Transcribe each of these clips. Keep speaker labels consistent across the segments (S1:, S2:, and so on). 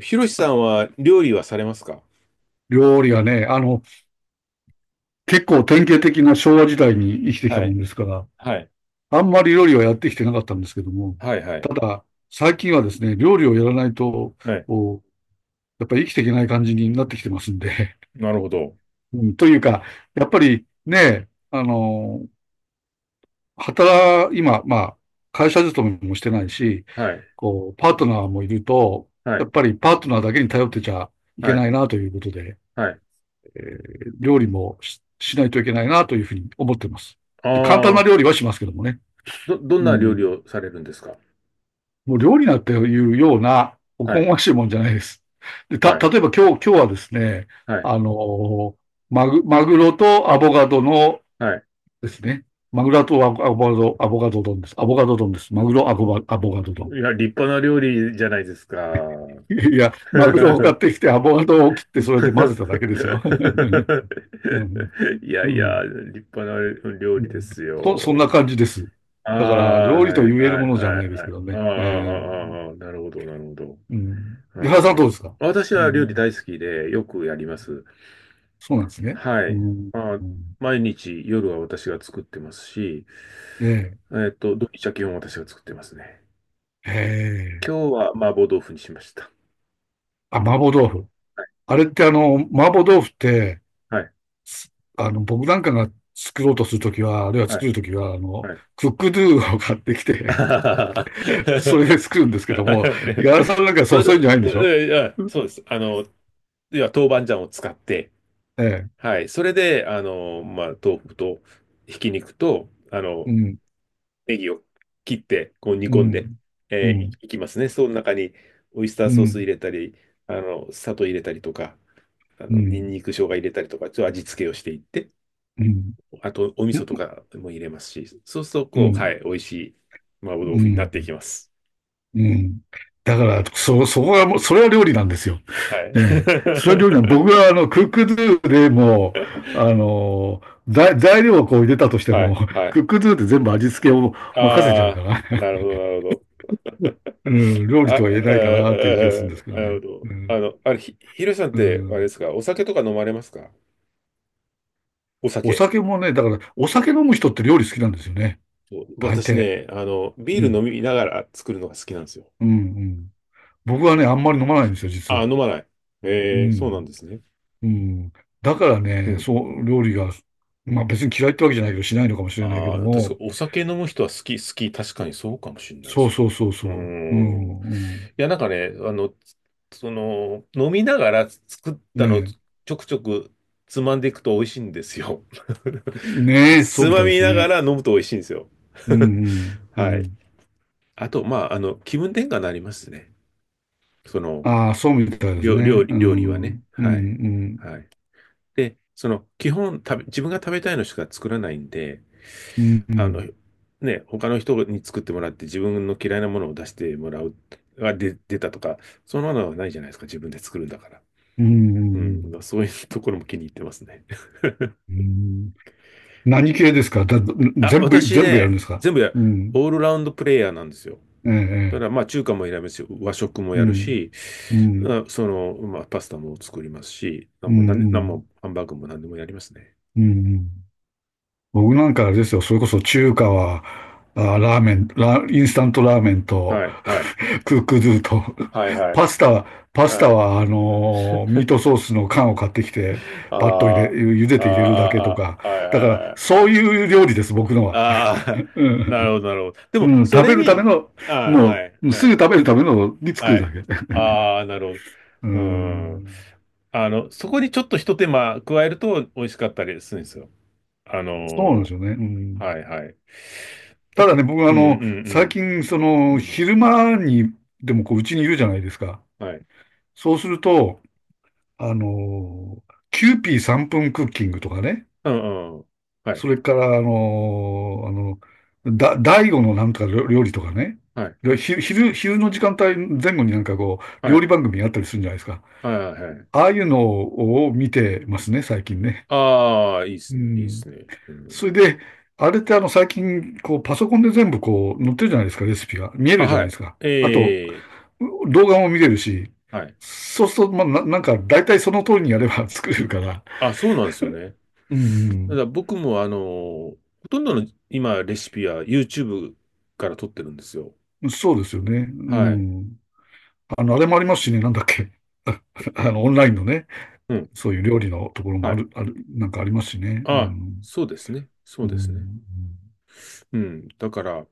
S1: ひろしさんは料理はされますか？
S2: 料理はね、結構典型的な昭和時代に生きてきた
S1: は
S2: も
S1: い、
S2: んですから、
S1: はい、
S2: あんまり料理はやってきてなかったんですけども、
S1: はいはい。
S2: ただ、最近はですね、料理をやらないと、
S1: はい。
S2: おやっぱり生きていけない感じになってきてますんで、
S1: なるほど。
S2: うん、というか、やっぱりね、今、会社勤めもしてないし、
S1: はい。
S2: こう、パートナーもいると、
S1: は
S2: や
S1: い。
S2: っぱりパートナーだけに頼ってちゃいけ
S1: はい。
S2: ないなということで、
S1: はい。
S2: え料理もしないといけないなというふうに思っています。で、簡単な
S1: ああ、
S2: 料理はしますけどもね。
S1: どん
S2: う
S1: な料理
S2: ん。
S1: をされるんですか？
S2: もう料理なんていうような、お
S1: は
S2: こが
S1: い。
S2: ましいもんじゃないです。で、
S1: はい。
S2: 例えば今日はですね、
S1: はい。
S2: あの、マグロとアボカドの
S1: はい。
S2: ですね、マグロとアボアボカド丼です。アボカド丼です。マグロ、アボカアボカド丼。
S1: いや、立派な料理じゃないですか。
S2: いや、マグロを買ってきて、アボカドを切って、それで 混ぜただけですよ。うん、
S1: いや
S2: う
S1: いや、
S2: ん。
S1: 立派な料
S2: う
S1: 理で
S2: ん。
S1: す
S2: そんな
S1: よ。
S2: 感じです。
S1: あ
S2: だから、
S1: あ、
S2: 料理
S1: はい。
S2: と言える
S1: はい。
S2: ものじゃ
S1: は
S2: な
S1: い。
S2: いです
S1: は
S2: け
S1: い。
S2: ど
S1: ああ、
S2: ね。
S1: ああ、ああ、ああなるほど、なるほど。
S2: うん。
S1: う
S2: 井原さん、どう
S1: ん。
S2: ですか？
S1: 私
S2: う
S1: は料理
S2: ん。
S1: 大好きでよくやります。
S2: そうなんですね。
S1: は
S2: う
S1: い。
S2: ん。
S1: まあ、
S2: うん。
S1: 毎日夜は私が作ってますし、
S2: え
S1: 土日は基本私が作ってますね。
S2: え、ええ。
S1: 今日は麻婆豆腐にしました。
S2: あ、麻婆豆腐。あれってあの、麻婆豆腐って、
S1: はい。
S2: すあの、僕なんかが作ろうとするときは、あるいは
S1: は
S2: 作る
S1: い。
S2: ときは、あの、
S1: はい。
S2: クックドゥを買ってきて、そ
S1: あ
S2: れで作るんですけど
S1: は
S2: も、井原さんなんか
S1: いま
S2: そ
S1: だ
S2: ういうんじゃないんでしょ？
S1: えいやそうです。いや、豆板醤を使って、
S2: ええ、
S1: はい。それで、まあ、豆腐と、ひき肉と、
S2: うん、
S1: ネギを切って、こう煮
S2: う
S1: 込んで、
S2: ん、うん、
S1: いいきますね。その中にオイスター
S2: う
S1: ソース入
S2: ん、
S1: れたり、砂糖入れたりとか、
S2: う
S1: ニン
S2: ん、
S1: ニク、生姜入れたりとか、ちょっと味付けをしていって、
S2: うん。
S1: あとお味
S2: う
S1: 噌と
S2: ん、
S1: かも入れますし、そうすると、こう、はい、美味しい麻婆
S2: う
S1: 豆腐になってい
S2: ん、
S1: きます。
S2: うん。だから、そこがもう、それは料理なんですよ。
S1: は
S2: ねえ。
S1: い。
S2: それは料理なん、僕はあの、クックドゥでもう、あの、材料をこう入れたとし て
S1: は
S2: も、
S1: い、は
S2: ク
S1: い。
S2: ックドゥで全部
S1: あ、
S2: 味付けを任せちゃうか
S1: あ
S2: ら、
S1: ー、なるほど、なるほど。
S2: うん、料
S1: あ、
S2: 理
S1: あ
S2: とは言えないかなという気がするんで
S1: ー、
S2: すけ
S1: あー
S2: ど
S1: なるほ
S2: ね。
S1: ど。
S2: うん、
S1: あれ、ひろしさんっ
S2: う
S1: て、あれで
S2: ん。
S1: すか、お酒とか飲まれますか？お
S2: お
S1: 酒。
S2: 酒もね、だから、お酒飲む人って料理好きなんですよね。
S1: そう
S2: 大
S1: 私
S2: 抵。
S1: ね、
S2: う
S1: ビール飲
S2: ん、
S1: みながら作るのが好きなんですよ。
S2: うん、うん。僕はね、あんまり飲まないんですよ、実
S1: あ、
S2: は。
S1: 飲まない。
S2: う
S1: えー、そうなん
S2: ん。
S1: ですね。
S2: うん。だから
S1: う
S2: ね、
S1: ん。
S2: そう、料理が、まあ別に嫌いってわけじゃないけど、しないのかもしれないけ
S1: あ
S2: ど
S1: あ、確か
S2: も、
S1: お酒飲む人は好き、好き。確かにそうかもしれないで
S2: そう
S1: すよね。
S2: そうそう
S1: うー
S2: そう。う
S1: ん。い
S2: ん、
S1: や、なんかね、その、飲みながら作っ
S2: う
S1: た
S2: ん。
S1: のを
S2: ね
S1: ちょくちょくつまんでいくと美味しいんですよ。
S2: え、ねえ、そう
S1: つ
S2: みた
S1: ま
S2: いで
S1: み
S2: す
S1: なが
S2: ね。
S1: ら飲むと美味しいんですよ。
S2: うん、うん、う
S1: はい。
S2: ん。
S1: あと、まあ、気分転換になりますね。その、
S2: ああ、そうみたいですね。う
S1: 料理は
S2: ん、
S1: ね。
S2: うん、う
S1: はい。
S2: ん、
S1: はい。で、その、基本食べ、自分が食べたいのしか作らないんで、
S2: うん、う
S1: あの、
S2: ん、
S1: ね、他の人に作ってもらって自分の嫌いなものを出してもらう、出たとか、そんなのはないじゃないですか。自分で作るんだから。
S2: う
S1: う
S2: ん。
S1: ん。そういうところも気に入ってますね。
S2: うん。何系ですか？
S1: あ、
S2: 全部、
S1: 私
S2: 全部やるん
S1: ね、
S2: ですか？
S1: 全部や、
S2: うん、
S1: オールラウンドプレイヤーなんですよ。
S2: え
S1: ただか
S2: え、え
S1: らま
S2: え、
S1: あ中華も選べし、和食も
S2: う
S1: やる
S2: ん、
S1: し、
S2: うん、
S1: その、まあパスタも作りますし、
S2: うん、
S1: な
S2: う
S1: んも
S2: ん、
S1: ハンバーグも何でもやりますね。
S2: うん。うん。僕なんかあれですよ、それこそ中華は、あ、ラーメン、ラ、インスタントラーメンと、
S1: はい、はい。
S2: クックドゥと、
S1: はいはい。
S2: パスタは、パス
S1: は
S2: タ
S1: い。
S2: は、あのーミートソースの缶を買ってきて、
S1: あ
S2: パッと入れ、茹で
S1: あ、あ
S2: て入れるだけと
S1: あ、あ
S2: か。
S1: あ、はいは
S2: だから、
S1: いはいは
S2: そう
S1: い。
S2: いう料理です、僕のは。
S1: ああ、
S2: う
S1: なる
S2: ん、
S1: ほど、なるほど。で
S2: う
S1: も、
S2: ん
S1: そ
S2: 食
S1: れ
S2: べるため
S1: に、
S2: の、
S1: ああ、
S2: も
S1: はい、
S2: う、
S1: は
S2: すぐ
S1: い、
S2: 食べるためのに作
S1: は
S2: るだ
S1: い。
S2: け。
S1: ああ、なるほ
S2: う
S1: ど。うん。
S2: ん、
S1: そこにちょっとひと手間加えると美味しかったりするんですよ。あの
S2: そうなんですよね。う
S1: ーは
S2: ん。
S1: い、はい。だっ
S2: た
S1: て、
S2: だね、僕あ
S1: うん、う
S2: の、最
S1: ん、
S2: 近、そ
S1: うん、
S2: の、
S1: うん。
S2: 昼間に、でもこう、うちにいるじゃないですか。
S1: はい。
S2: そうすると、あの、キューピー3分クッキングとかね、
S1: うん、うん。はい、
S2: それから、あの、第五のなんとか料理とかね、
S1: はい、
S2: で昼の時間帯前後になんかこう、
S1: は
S2: 料
S1: い、
S2: 理番組やったりするんじゃないですか。
S1: はい、はい。
S2: ああいうのを見てますね、最近ね。
S1: ああ、いいっ
S2: う
S1: すね、いいっ
S2: ん。
S1: すね。う
S2: そ
S1: ん
S2: れで、あれってあの、最近、こう、パソコンで全部こう、載ってるじゃないですか、レシピが。見え
S1: あ、
S2: るじゃな
S1: は
S2: いで
S1: い。
S2: すか。あと、
S1: ええ、
S2: 動画も見れるし、
S1: はい。
S2: そうすると、まあ、なんか、大体その通りにやれば 作れ
S1: う
S2: る
S1: ん。
S2: から、
S1: あ、そうなんですよね。
S2: う
S1: た
S2: ん、
S1: だ僕もほとんどの今レシピは YouTube から撮ってるんですよ。
S2: うん、そうですよね。う
S1: はい。
S2: ん。あの、あれもありますしね、なんだっけ。ああの、オンラインのね、
S1: うん。
S2: そういう料理のところも
S1: は
S2: あ
S1: い。
S2: る、ある、なんかありますしね。う
S1: あ、
S2: ん。
S1: そうですね。そう
S2: う
S1: ですね。
S2: ん。
S1: うん。だから、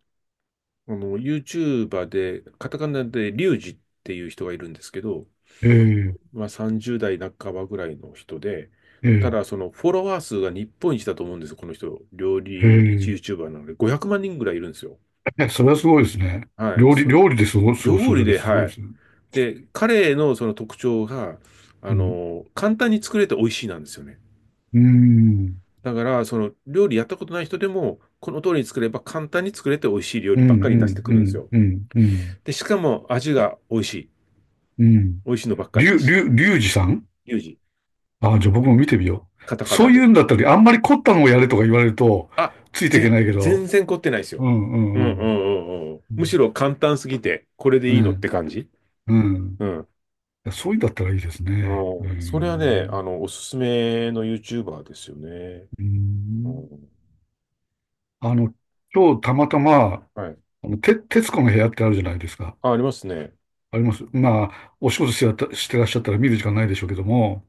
S1: YouTuber で、カタカナでリュウジっていう人がいるんですけど、
S2: ええ、
S1: まあ30代半ばぐらいの人で、
S2: え
S1: た
S2: え、
S1: だそのフォロワー数が日本一だと思うんですよ、この人。料
S2: え
S1: 理
S2: え。
S1: YouTuber なので500万人ぐらいいるんですよ。
S2: え、それはすごいですね。
S1: はい。
S2: 料理、
S1: そ、
S2: 料理ですごす、過ごす
S1: 料
S2: だ
S1: 理
S2: け
S1: で、
S2: すご
S1: は
S2: いで
S1: い。
S2: すね。
S1: で、彼のその特徴が、
S2: うん。
S1: 簡単に作れて美味しいなんですよね。
S2: うん。
S1: だから、その料理やったことない人でも、この通りに作れば簡単に作れて美味しい料
S2: う
S1: 理
S2: ん、
S1: ばっか
S2: う
S1: り出して
S2: ん、
S1: く
S2: う
S1: るんです
S2: ん、
S1: よ。
S2: うん、うん。
S1: で、しかも味が美味しい。
S2: うん。
S1: 美味しいのばっかりし。
S2: りゅうじさん。
S1: リュウジ、
S2: ああ、じゃあ僕も見てみよ
S1: カタ
S2: う。
S1: カ
S2: そ
S1: ナ
S2: うい
S1: で。
S2: うんだったり、あんまり凝ったのをやれとか言われると、
S1: あ、
S2: ついていけないけ
S1: 全
S2: ど、
S1: 然凝ってないです
S2: う
S1: よ。
S2: んう
S1: うん
S2: ん
S1: う
S2: うん。
S1: んうんうん。むしろ簡単すぎて、これでいいのっ
S2: ね、
S1: て感じ。
S2: うん。い
S1: うん。
S2: や、そういうんだったらいいですね。う
S1: うん、それはね、
S2: ん。
S1: おすすめの YouTuber ですよね。
S2: う
S1: う
S2: ん。
S1: ん
S2: あの、今日たまたま、
S1: はい
S2: あの、徹子の部屋ってあるじゃないですか。
S1: あ、ありますね。
S2: あります。まあ、お仕事してやった、してらっしゃったら見る時間ないでしょうけども、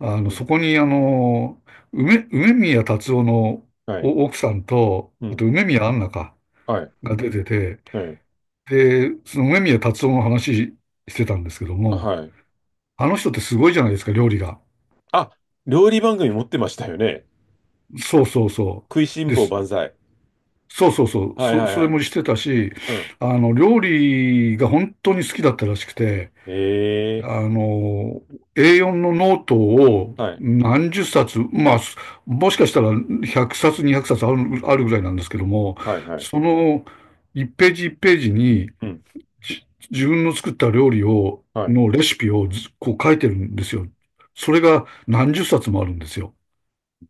S2: あ
S1: う
S2: の、そ
S1: ん。
S2: こに、あの、梅宮達夫の
S1: はい。
S2: 奥さんと、
S1: う
S2: あ
S1: ん。
S2: と梅宮アンナか、
S1: はい。
S2: が出てて、
S1: はい。
S2: で、その梅宮達夫の話してたんですけど
S1: あ、
S2: も、
S1: はい。
S2: あの人ってすごいじゃないですか、料理が。
S1: あ、料理番組持ってましたよね。
S2: そうそうそ
S1: 食いし
S2: う。
S1: ん
S2: で
S1: 坊
S2: す。
S1: 万歳。
S2: そうそうそう。
S1: はいはい
S2: そ
S1: は
S2: れ
S1: い。
S2: もしてたし、
S1: うん。
S2: あの、料理が本当に好きだったらしくて、
S1: ええ
S2: あの、A4 のノートを
S1: ーはい。
S2: 何十冊、まあ、もしかしたら100冊、200冊ある、あるぐらいなんですけども、
S1: はいはい。
S2: その1ページ1ページに
S1: うん。
S2: 自分の作った料理を、
S1: はい。
S2: のレシピをずこう書いてるんですよ。それが何十冊もあるんですよ。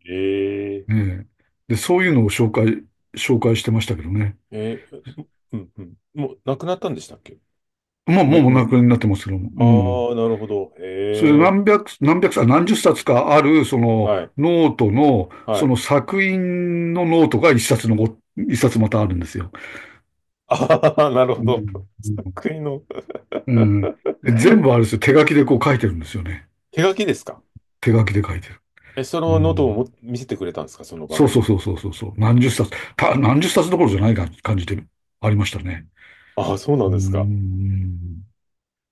S1: ええ
S2: ええ。で、そういうのを紹介、紹介してましたけどね。
S1: ーえーうん。うん。もう、亡くなったんでしたっけ？
S2: まあ、も
S1: め、
S2: うお亡
S1: め、
S2: くなりになってますけども。
S1: あ
S2: う
S1: あ
S2: ん。
S1: ー、なるほど。
S2: それで
S1: ええ
S2: 何百冊、何十冊かある、そ
S1: ー
S2: の、
S1: はい。
S2: ノートの、
S1: は
S2: そ
S1: い。
S2: の 作品のノートが一冊またあるんですよ。
S1: ああ、なるほ
S2: う
S1: ど。
S2: ん。
S1: 国の
S2: うん。で、全部あ れですよ。手書きでこう書いてるんですよね。
S1: 手書きですか？
S2: 手書きで書いてる。
S1: え、そ
S2: う
S1: のノートを
S2: ん。
S1: も見せてくれたんですか？その番
S2: そうそう
S1: 組。
S2: そうそうそうそう。何十冊どころじゃない感じでありましたね。
S1: ああ、そうな
S2: う
S1: ん
S2: ー
S1: ですか。
S2: ん。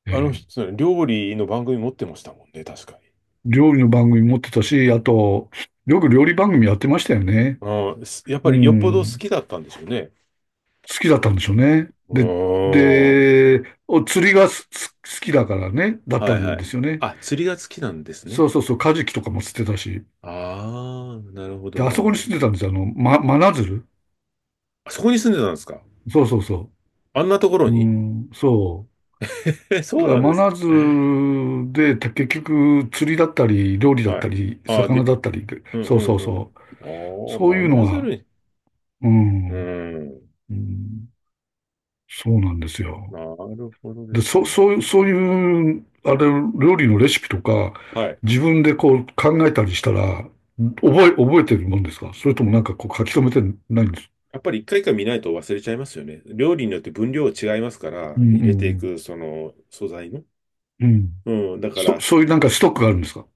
S2: え
S1: あの
S2: え。
S1: 人、料理の番組持ってましたもんね、確かに。
S2: 料理の番組持ってたし、あと、よく料理番組やってましたよね。
S1: うん、すやっぱ
S2: う
S1: りよっぽど好
S2: ん。
S1: きだったんでしょうね。
S2: 好きだったんでしょうね。
S1: う
S2: で、
S1: ーん。
S2: お釣りが好きだからね、だった
S1: はい
S2: ん
S1: は
S2: で
S1: い。
S2: すよね。
S1: あ、釣りが好きなんですね。
S2: そうそうそう、カジキとかも釣ってたし。
S1: ああ、なるほど、
S2: で、あ
S1: な
S2: そ
S1: る
S2: こ
S1: ほ
S2: に
S1: ど。
S2: 住んでたんですよ。あの、真鶴。
S1: あそこに住んでたんですか？
S2: そうそうそ
S1: あんなところ
S2: う。う
S1: に
S2: ん、そ
S1: え、
S2: う。
S1: そ
S2: だ
S1: う
S2: から
S1: なんで
S2: 真
S1: す。
S2: 鶴で、結局、釣りだったり、料理だっ
S1: は
S2: た
S1: い。
S2: り、
S1: ああ、
S2: 魚
S1: で、
S2: だったりで、
S1: うん
S2: そうそう
S1: うんう
S2: そ
S1: ん。
S2: う。そう
S1: ああ、
S2: いうの
S1: 真鶴
S2: が、
S1: に。
S2: う
S1: う
S2: ん、
S1: ん。
S2: うん、そうなんですよ。
S1: なるほどで
S2: で、
S1: す
S2: そう、
S1: ね。
S2: そういう、そういう、あれ、料理のレシピとか、
S1: はい。
S2: 自分でこう考えたりしたら、覚えてるもんですか？それともなんかこう書き留めてないんです？
S1: やっぱり一回一回見ないと忘れちゃいますよね。料理によって分量違いますか
S2: う
S1: ら、入
S2: ん、う
S1: れてい
S2: ん、
S1: く、その、素材の。
S2: うん。うん。
S1: うん、だから、
S2: そういうなんかストックがあるんですか？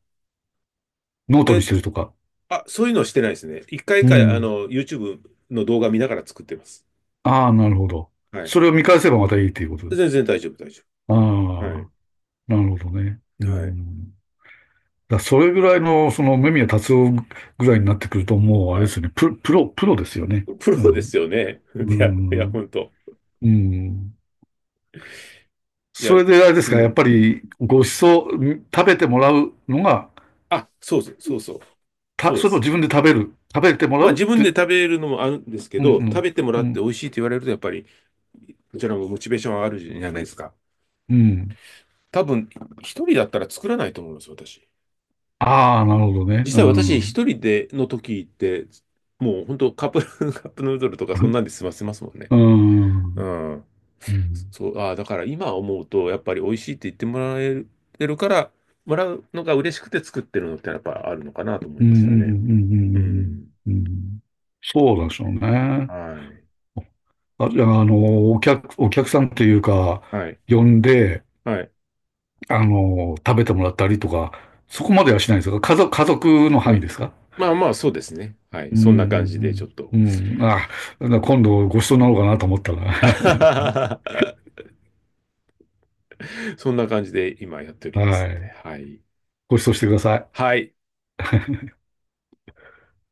S2: ノートにし
S1: え、
S2: てるとか。
S1: あ、そういうのはしてないですね。一回一
S2: う
S1: 回、
S2: ん。
S1: YouTube の動画見ながら作ってます。
S2: ああ、なるほど。
S1: はい。
S2: それを見返せばまたいいっていうことで。
S1: 全然大丈夫、大丈
S2: あ
S1: 夫。はい。
S2: あ、なるほどね。う
S1: はい。
S2: ん。だからそれぐらいの、その、目宮達夫ぐらいになってくると、もう、あれ
S1: は
S2: です
S1: い。
S2: よね。プロですよね。
S1: プ
S2: う
S1: ロで
S2: ん。
S1: すよね。
S2: う
S1: いや、いや、
S2: ん。
S1: 本当。
S2: うん。
S1: いや、
S2: それであれで
S1: う
S2: すか、やっ
S1: ん。
S2: ぱりご馳走、食べてもらうのが、
S1: あ、そうそう、そうそう。そう
S2: そ
S1: で
S2: れとも
S1: す。
S2: 自分で食べてもら
S1: まあ、
S2: うっ
S1: 自分で
S2: て、
S1: 食べるのもあるんですけ
S2: う
S1: ど、食
S2: ん、
S1: べてもら
S2: う
S1: って
S2: ん、
S1: 美味しいって言われると、やっぱり、こちらもモチベーション上がるじゃないですか。
S2: うん、うん。
S1: 多分、一人だったら作らないと思います、私。
S2: ああ、なるほどね。
S1: 実
S2: う
S1: 際私
S2: ん。
S1: 一人での時って、もう本当カップ、カップヌードルとかそん なんで済ませますもんね。
S2: うん。う
S1: う
S2: ん。
S1: ん。
S2: うん。
S1: そう、ああ、だから今思うと、やっぱり美味しいって言ってもらえてるから、もらうのが嬉しくて作ってるのってやっぱあるのかなと思
S2: う
S1: い
S2: ん。う
S1: ましたね。う
S2: ん。
S1: ん。
S2: うん。そうなんでしょうね。
S1: はい。
S2: あ、じゃあ、あの、お客さんっていうか、
S1: はい。
S2: 呼んで、
S1: はい。
S2: あの、食べてもらったりとか、そこまではしないんですか？家族、家族の
S1: う
S2: 範囲
S1: ん。
S2: ですか？
S1: まあまあ、そうですね。はい。
S2: う
S1: そんな感じで、ちょっ
S2: ん
S1: と。
S2: うんうん。うん。あ、今度ご馳走になろうかなと思ったら。
S1: そんな感じで今やっております
S2: は
S1: んで。
S2: い。
S1: はい。
S2: ご馳走してください。
S1: はい。